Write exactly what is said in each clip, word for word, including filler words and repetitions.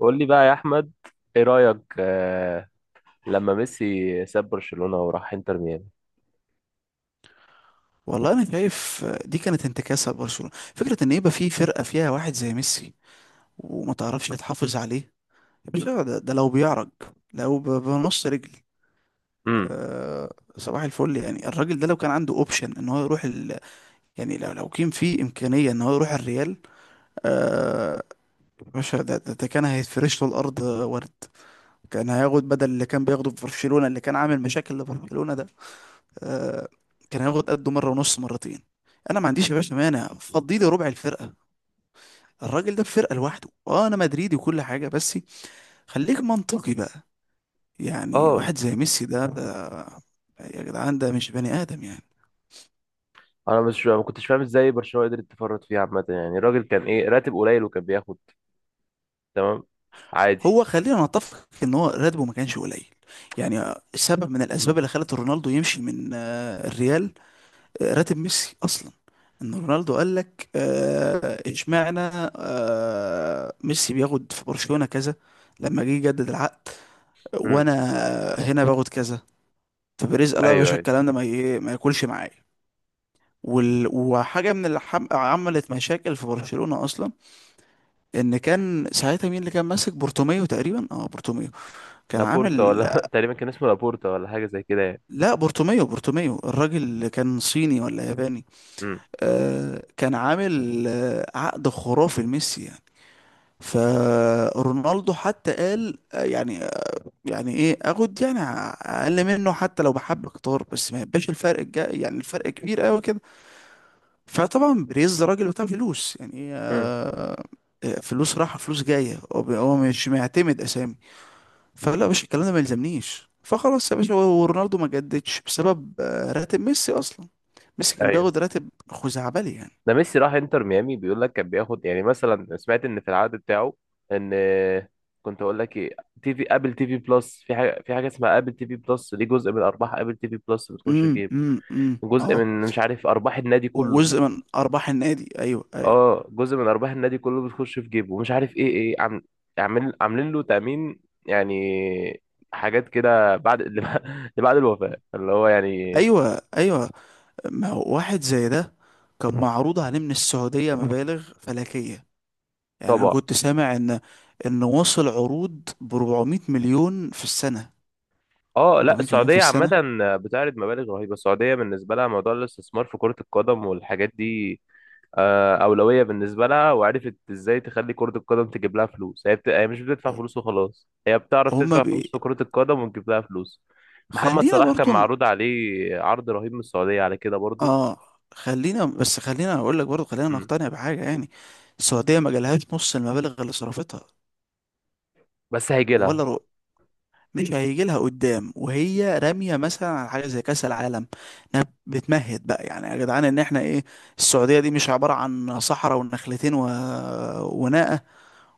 قول لي بقى يا احمد، ايه رايك؟ آه لما ميسي ساب برشلونه وراح انتر ميامي. والله انا شايف دي كانت انتكاسه لبرشلونه. فكره ان يبقى في فرقه فيها واحد زي ميسي وما تعرفش تحافظ عليه. يا باشا ده, ده لو بيعرج، لو ب- بنص رجل. امم أه، صباح الفل. يعني الراجل ده لو كان عنده اوبشن ان هو يروح ال... يعني لو لو كان في امكانيه ان هو يروح الريال، أه، يا باشا ده, ده, ده كان هيتفرش له الارض ورد. كان هياخد بدل اللي كان بياخده في برشلونه اللي كان عامل مشاكل لبرشلونه ده، أه، كان هياخد قده مره ونص مرتين. انا ما عنديش يا باشا مانع، فضي لي ربع الفرقه، الراجل ده في فرقة لوحده. اه انا مدريدي وكل حاجة، بس خليك منطقي بقى. يعني اه. واحد زي ميسي ده ده، يا جدعان ده مش بني ادم يعني. انا مش ما كنتش فاهم ازاي برشلونه قدرت تفرط فيه عامه، يعني الراجل كان ايه؟ راتب قليل وكان بياخد؟ تمام. عادي. هو خلينا نتفق ان هو راتبه ما كانش قليل، يعني سبب من امم الاسباب اللي خلت رونالدو يمشي من آه، الريال. آه، راتب ميسي اصلا، ان رونالدو قال لك، آه، اشمعنى آه، ميسي بياخد في برشلونة كذا؟ لما جه يجدد العقد امم وانا هنا باخد كذا، فبيريز قال له يا ايوه باشا ايوه. الكلام ده ما ي- ما ياكلش معايا. وال... وحاجه من اللي حم... عملت مشاكل في برشلونه اصلا، ان كان ساعتها مين اللي كان ماسك بورتوميو؟ تقريبا اه بورتوميو كان لابورتا عامل، ولا تقريبا كان اسمه لابورتا، ولا حاجه زي كده يعني. لا بورتوميو، بورتوميو الراجل اللي كان صيني ولا ياباني. امم آه، كان عامل آه عقد خرافي لميسي يعني. فرونالدو حتى قال آه، يعني، يعني ايه اخد يعني اقل منه؟ حتى لو بحب اكتر، بس ما يبقاش الفرق الجا، يعني الفرق كبير قوي كده. فطبعا بريز راجل بتاع فلوس يعني، امم آه، فلوس رايحه فلوس جايه، هو بي- هو مش معتمد اسامي. فلا يا باشا الكلام ده ما يلزمنيش. فخلاص يا باشا، هو ورونالدو ما جددش بسبب آه، راتب ميسي اصلا. ميسي كان ايوه، بياخد راتب خزعبلي يعني. ده ميسي راح انتر ميامي، بيقول لك كان بياخد يعني مثلا، سمعت ان في العقد بتاعه ان، كنت اقول لك ايه، تي في، ابل تي في بلس، في حاجه، في حاجه اسمها ابل تي في بلس دي، جزء من ارباح ابل تي في بلس بتخش في امم جيب. امم امم جزء اه، من، مش عارف، ارباح النادي كله. وجزء من ارباح النادي، ايوه ايوه، اه، جزء من ارباح النادي كله بتخش في جيبه، ومش عارف ايه، ايه عم، عامل، عاملين له تامين يعني، حاجات كده بعد اللي، بعد الوفاه اللي هو يعني. ايوه ايوه. ما هو واحد زي ده كان معروض عليه من السعوديه مبالغ فلكيه. يعني انا طبعا. كنت سامع ان ان وصل عروض ب 400 مليون في السنه، اه، لا 400 مليون في السعودية عامة السنه. بتعرض مبالغ رهيبة. السعودية بالنسبة لها موضوع الاستثمار في كرة القدم والحاجات دي آه، أولوية بالنسبة لها. وعرفت ازاي تخلي كرة القدم تجيب لها فلوس. هي, بت... هي مش بتدفع فلوس وخلاص، هي بتعرف هما تدفع فلوس في كرة القدم وتجيب لها فلوس. محمد خلينا صلاح كان برضو ن- معروض عليه عرض رهيب من السعودية على كده برضو. اه، خلينا بس خلينا اقول لك برضو، خلينا مم. نقتنع بحاجه يعني. السعوديه ما جالهاش نص المبالغ اللي صرفتها، بس هيجي لها. ولا رو... مش هيجي لها قدام وهي راميه مثلا على حاجه زي كاس العالم. انها بتمهد بقى يعني يا جدعان ان احنا ايه؟ السعوديه دي مش عباره عن صحراء ونخلتين و... وناقه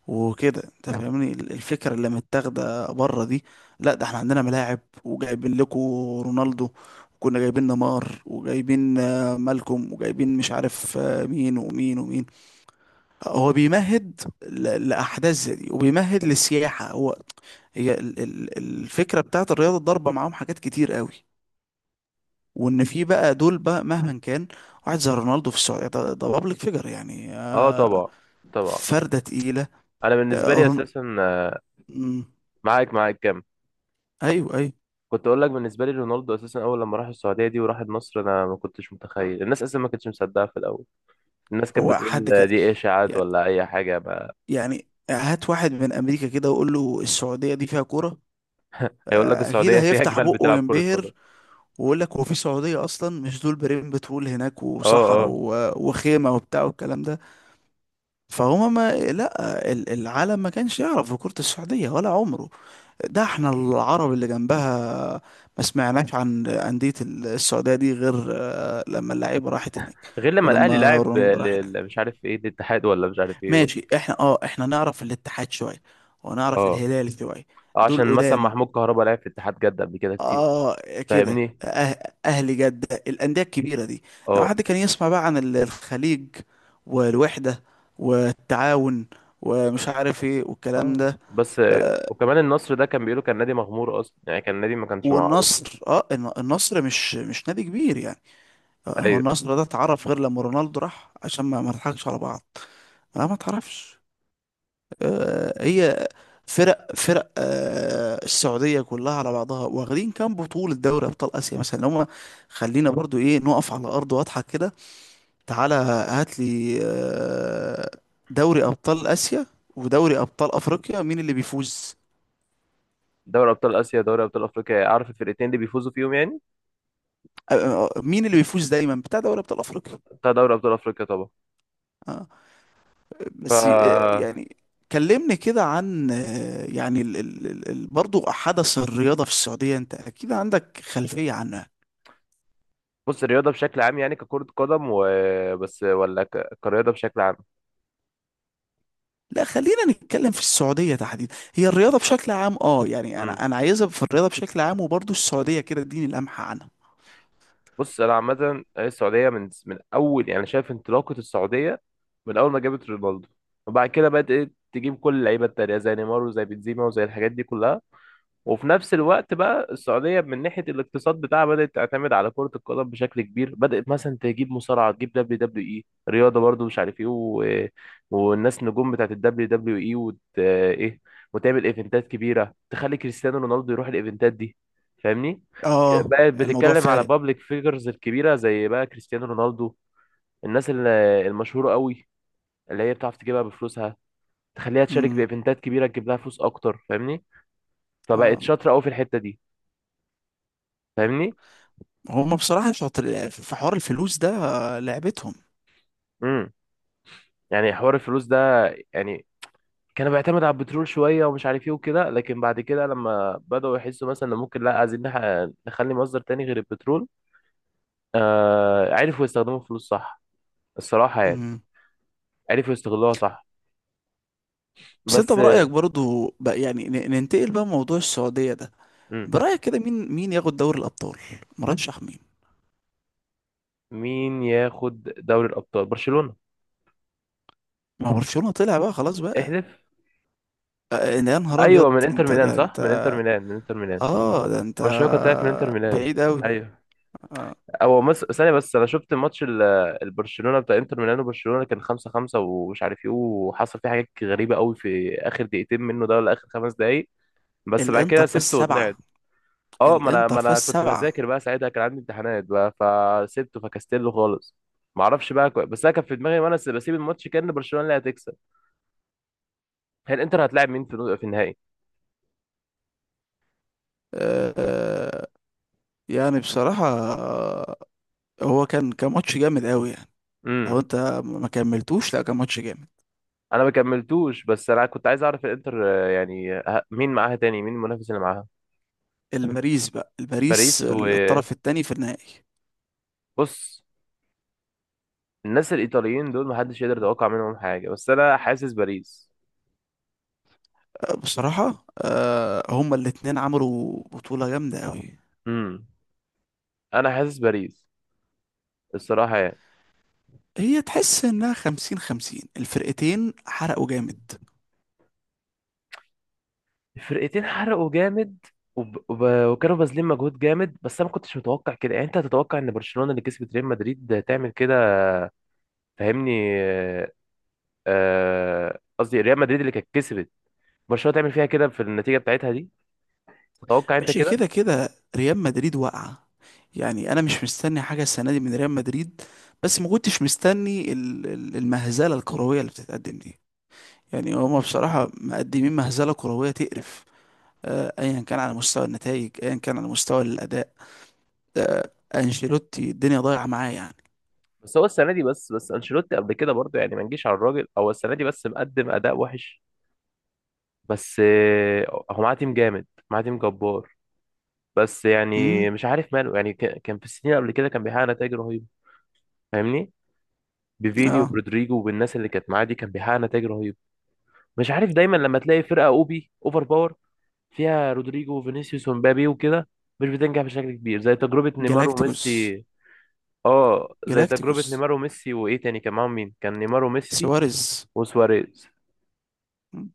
وكده. انت طب فاهمني ال- الفكره اللي متاخده بره دي؟ لا، ده احنا عندنا ملاعب وجايبين لكم رونالدو، وكنا جايبين نيمار وجايبين آه، مالكوم وجايبين مش عارف آه، مين ومين ومين. هو بيمهد ل- لاحداث زي دي، وبيمهد للسياحه هو. هي ال- ال- الفكرة بتاعت الرياضة الضربة معاهم حاجات كتير قوي. وان في بقى دول بقى مهما كان، واحد زي رونالدو في السعودية ده بابليك فيجر يعني، اه، آه، طبعا. طبعا. فردة تقيلة. انا بالنسبة آه، لي رون... اساسا آه، مم. معاك معاك كم، ايوه ايوه. كنت اقول لك، بالنسبه لي رونالدو اساسا اول لما راح السعوديه دي وراح النصر، انا ما كنتش متخيل. الناس اصلا ما كانتش مصدقه في الاول، الناس كانت هو بتقول حد كان، دي ايه، اشاعات ولا اي حاجه؟ ما يعني هات واحد من امريكا كده وقول له السعوديه دي فيها كوره، هيقول لك آه، اكيد السعوديه فيها هيفتح جمال بقه بتلعب كره قدم. وينبهر. ويقول لك هو في سعوديه اصلا؟ مش دول بريم بترول هناك اه وصحراء اه. و- وخيمه وبتاع والكلام ده. فهما ما لا ال- العالم ما كانش يعرف في كره السعوديه ولا عمره. ده احنا العرب اللي جنبها ما سمعناش عن انديه السعوديه دي غير آه، لما اللعيبه راحت هناك، غير لما الاهلي ولما لعب رونالدو راح هناك. لل- مش عارف ايه، الاتحاد ولا مش عارف ايه. ماشي، احنا اه احنا نعرف الاتحاد شوية، ونعرف اه، الهلال شوية، آه، دول عشان مثلا قدام. محمود كهربا لعب في اتحاد جده قبل كده كتير. اه كده، فاهمني؟ أه اهلي جدة، الأندية الكبيرة دي. لو اه حد كان يسمع بقى عن ال- الخليج، والوحدة، والتعاون، ومش عارف ايه والكلام اه. ده. بس آه، وكمان النصر ده كان بيقولوا كان نادي مغمور اصلا، يعني كان نادي ما كانش معروف. والنصر، اه الن- النصر مش مش نادي كبير يعني. آه، هو ايوه. النصر ده اتعرف غير لما رونالدو راح، عشان ما ما نضحكش على بعض. لا ما تعرفش. آه، هي فرق، فرق آه السعوديه كلها على بعضها واخدين كام بطوله دوري ابطال اسيا مثلا هم؟ خلينا برضو ايه نقف على ارض واضحه كده. تعالى هات لي آه، دوري ابطال اسيا ودوري ابطال افريقيا مين اللي بيفوز؟ دوري ابطال اسيا، دوري ابطال افريقيا، عارف الفرقتين اللي بيفوزوا فيهم يعني. آه، آه، آه، مين اللي بيفوز دايما بتاع دوري ابطال افريقيا؟ بتاع دوري ابطال افريقيا طبعا. آه، بس آه ف، يعني كلمني كده عن آه، يعني ال ال ال ال- برضو حدث الرياضة في السعودية، انت اكيد عندك خلفية عنه. بص الرياضه بشكل عام يعني ككره قدم وبس، ولا ك... كرياضه بشكل عام؟ لا خلينا نتكلم في السعودية تحديدا، هي الرياضة بشكل عام، اه يعني امم. انا انا عايزها في الرياضة بشكل عام، وبرضه السعودية كده اديني لمحة عنها. بص، انا عامه السعوديه من من اول، يعني شايف انطلاقه السعوديه من اول ما جابت رونالدو، وبعد كده بدات تجيب كل اللعيبه التانيه زي نيمار وزي بنزيما وزي الحاجات دي كلها. وفي نفس الوقت بقى السعودية من ناحية الاقتصاد بتاعها بدأت تعتمد على كرة القدم بشكل كبير. بدأت مثلا تجيب مصارعة، تجيب دبليو دبليو اي، رياضة برضو مش عارف ايه، و... والناس نجوم بتاعت الدبليو دبليو اي، وت... ايه، وتعمل ايفنتات كبيرة تخلي كريستيانو رونالدو يروح الايفنتات دي. فاهمني؟ اه بقت الموضوع بتتكلم على فارق. بابليك فيجرز الكبيرة زي بقى كريستيانو رونالدو. الناس ال- المشهورة قوي اللي هي بتعرف تجيبها بفلوسها، تخليها تشارك امم، بايفنتات كبيرة تجيب لها فلوس اكتر. فاهمني؟ فبقت اه شاطرة قوي في الحتة دي. فاهمني؟ هما بصراحة شاطر في حوار الفلوس ده، آه، لعبتهم. امم. يعني حوار الفلوس ده يعني كان بيعتمد على البترول شويه ومش عارف ايه وكده، لكن بعد كده لما بداوا يحسوا مثلا ان ممكن لا، عايزين نح- نخلي مصدر تاني غير البترول، آه عرفوا يستخدموا الفلوس صح، الصراحه يعني. امم، عرفوا يستغلوها صح. بس انت بس، برأيك برضه بقى يعني ن- ننتقل بقى موضوع السعودية ده، مم. برأيك كده مين، مين ياخد دوري الأبطال؟ مرشح مين؟ مين ياخد دوري الابطال؟ برشلونه. ما هو برشلونة طلع بقى خلاص بقى. احلف. آه، يا نهار ايوه، ابيض، من انتر انت ميلان. ده صح، انت. من انتر ميلان، من انتر ميلان اه ده انت برشلونه كانت طلعت من انتر ميلان. بعيد قوي. ايوه. هو مس... ثانية بس، أنا شفت ماتش ال- البرشلونة بتاع إنتر ميلانو. برشلونة كان خمسة خمسة ومش عارف إيه، وحصل فيه حاجات غريبة قوي في آخر دقيقتين منه ده ولا آخر خمس دقايق. بس بعد كده الانتر فاز سبته سبعة. وطلعت. أه، ما أنا الانتر ما فاز أنا كنت سبعة. بذاكر بقى ساعتها، كان عندي امتحانات بقى، فسبته فكستله خالص. معرفش بقى كو... بس أنا كان في دماغي وأنا س- بسيب الماتش كأن برشلونة اللي هتكسب. هي الإنتر هتلاعب مين في في النهائي؟ آه، يعني بصراحة، آه، هو كان كان ماتش جامد قوي يعني. لو امم. انت ما كملتوش، لا كان ماتش جامد. أنا ما كملتوش، بس أنا كنت عايز أعرف الإنتر آه، يعني آه، مين معاها تاني، مين المنافس اللي معاها؟ الباريس بقى، الباريس باريس و، الطرف الثاني في النهائي. بص، الناس الإيطاليين دول محدش يقدر يتوقع منهم حاجة، بس أنا حاسس باريس. آه، بصراحة آه، هما الاتنين عملوا بطولة جامدة قوي. امم. أنا حاسس باريس الصراحة يعني. هي تحس انها خمسين خمسين، الفرقتين حرقوا جامد. الفرقتين حرقوا جامد، وب... وب... وكانوا باذلين مجهود جامد. بس انا ما كنتش متوقع كده يعني. انت هتتوقع ان برشلونة اللي كسبت ريال مدريد تعمل كده؟ فاهمني؟ آه، آه، قصدي ريال مدريد اللي كانت كسبت برشلونة، تعمل فيها كده في النتيجة بتاعتها دي؟ تتوقع انت ماشي كده؟ كده كده، ريال مدريد واقعة، يعني انا مش مستني حاجة السنة دي من ريال مدريد. بس ما كنتش مستني ال- ال- المهزلة الكروية اللي بتتقدم دي. يعني هما بصراحة مقدمين مهزلة كروية تقرف، آه، ايا كان على مستوى النتائج ايا كان على مستوى الاداء. آه، انشيلوتي الدنيا ضايعة معاه يعني. بس هو السنة دي بس، بس انشيلوتي قبل كده برضه يعني ما نجيش على الراجل، هو السنة دي بس مقدم اداء وحش. بس آه، هو معاه تيم جامد، معاه تيم جبار. بس يعني امم، مش عارف ماله، يعني ك- كان في السنين قبل كده كان بيحقق نتائج رهيبة. فاهمني؟ بفيني اه، وبرودريجو والناس اللي كانت معاه دي كان بيحقق نتائج رهيبة. مش عارف، دايما لما تلاقي فرقة اوبي اوفر باور فيها رودريجو وفينيسيوس ومبابي وكده، مش بتنجح بشكل كبير، زي تجربة نيمار جالاكتيكوس. وميسي. اه، زي تجربة جالاكتيكوس، نيمار وميسي وايه تاني كان معاهم، مين كان؟ نيمار وميسي سواريز. وسواريز. مم.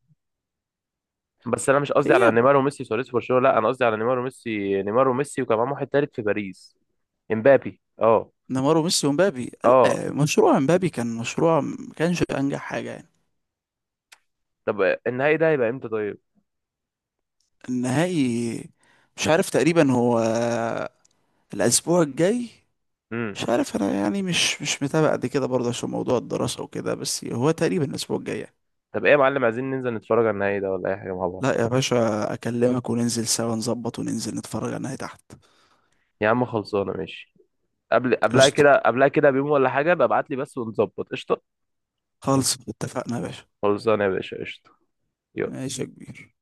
بس انا مش قصدي على هي نيمار وميسي وسواريز في برشلونة، لا انا قصدي على نيمار وميسي، نيمار وميسي وكان معاهم واحد تالت في باريس. امبابي اه. نيمار وميسي ومبابي؟ اه. لا، مشروع مبابي كان مشروع ما كانش انجح حاجة يعني. طب، النهائي ده هيبقى امتى طيب؟ النهائي مش عارف تقريبا هو الأسبوع الجاي. امم. مش عارف أنا يعني مش مش متابع قد كده برضه عشان موضوع الدراسة وكده، بس هو تقريبا الأسبوع الجاي يعني. طب ايه يا معلم، عايزين ننزل نتفرج على النهائي ده ولا اي حاجه مع بعض؟ لا يا باشا أكلمك وننزل سوا، نظبط وننزل نتفرج على النهائي تحت. يا عم خلصانه، ماشي. قبل، قبلها قشطة. كده، قبلها كده بيوم ولا حاجه ببعت لي بس ونظبط قشطه. خالص اتفقنا يا باشا. خلصانه يا باشا قشطه. يلا. ماشي يا كبير.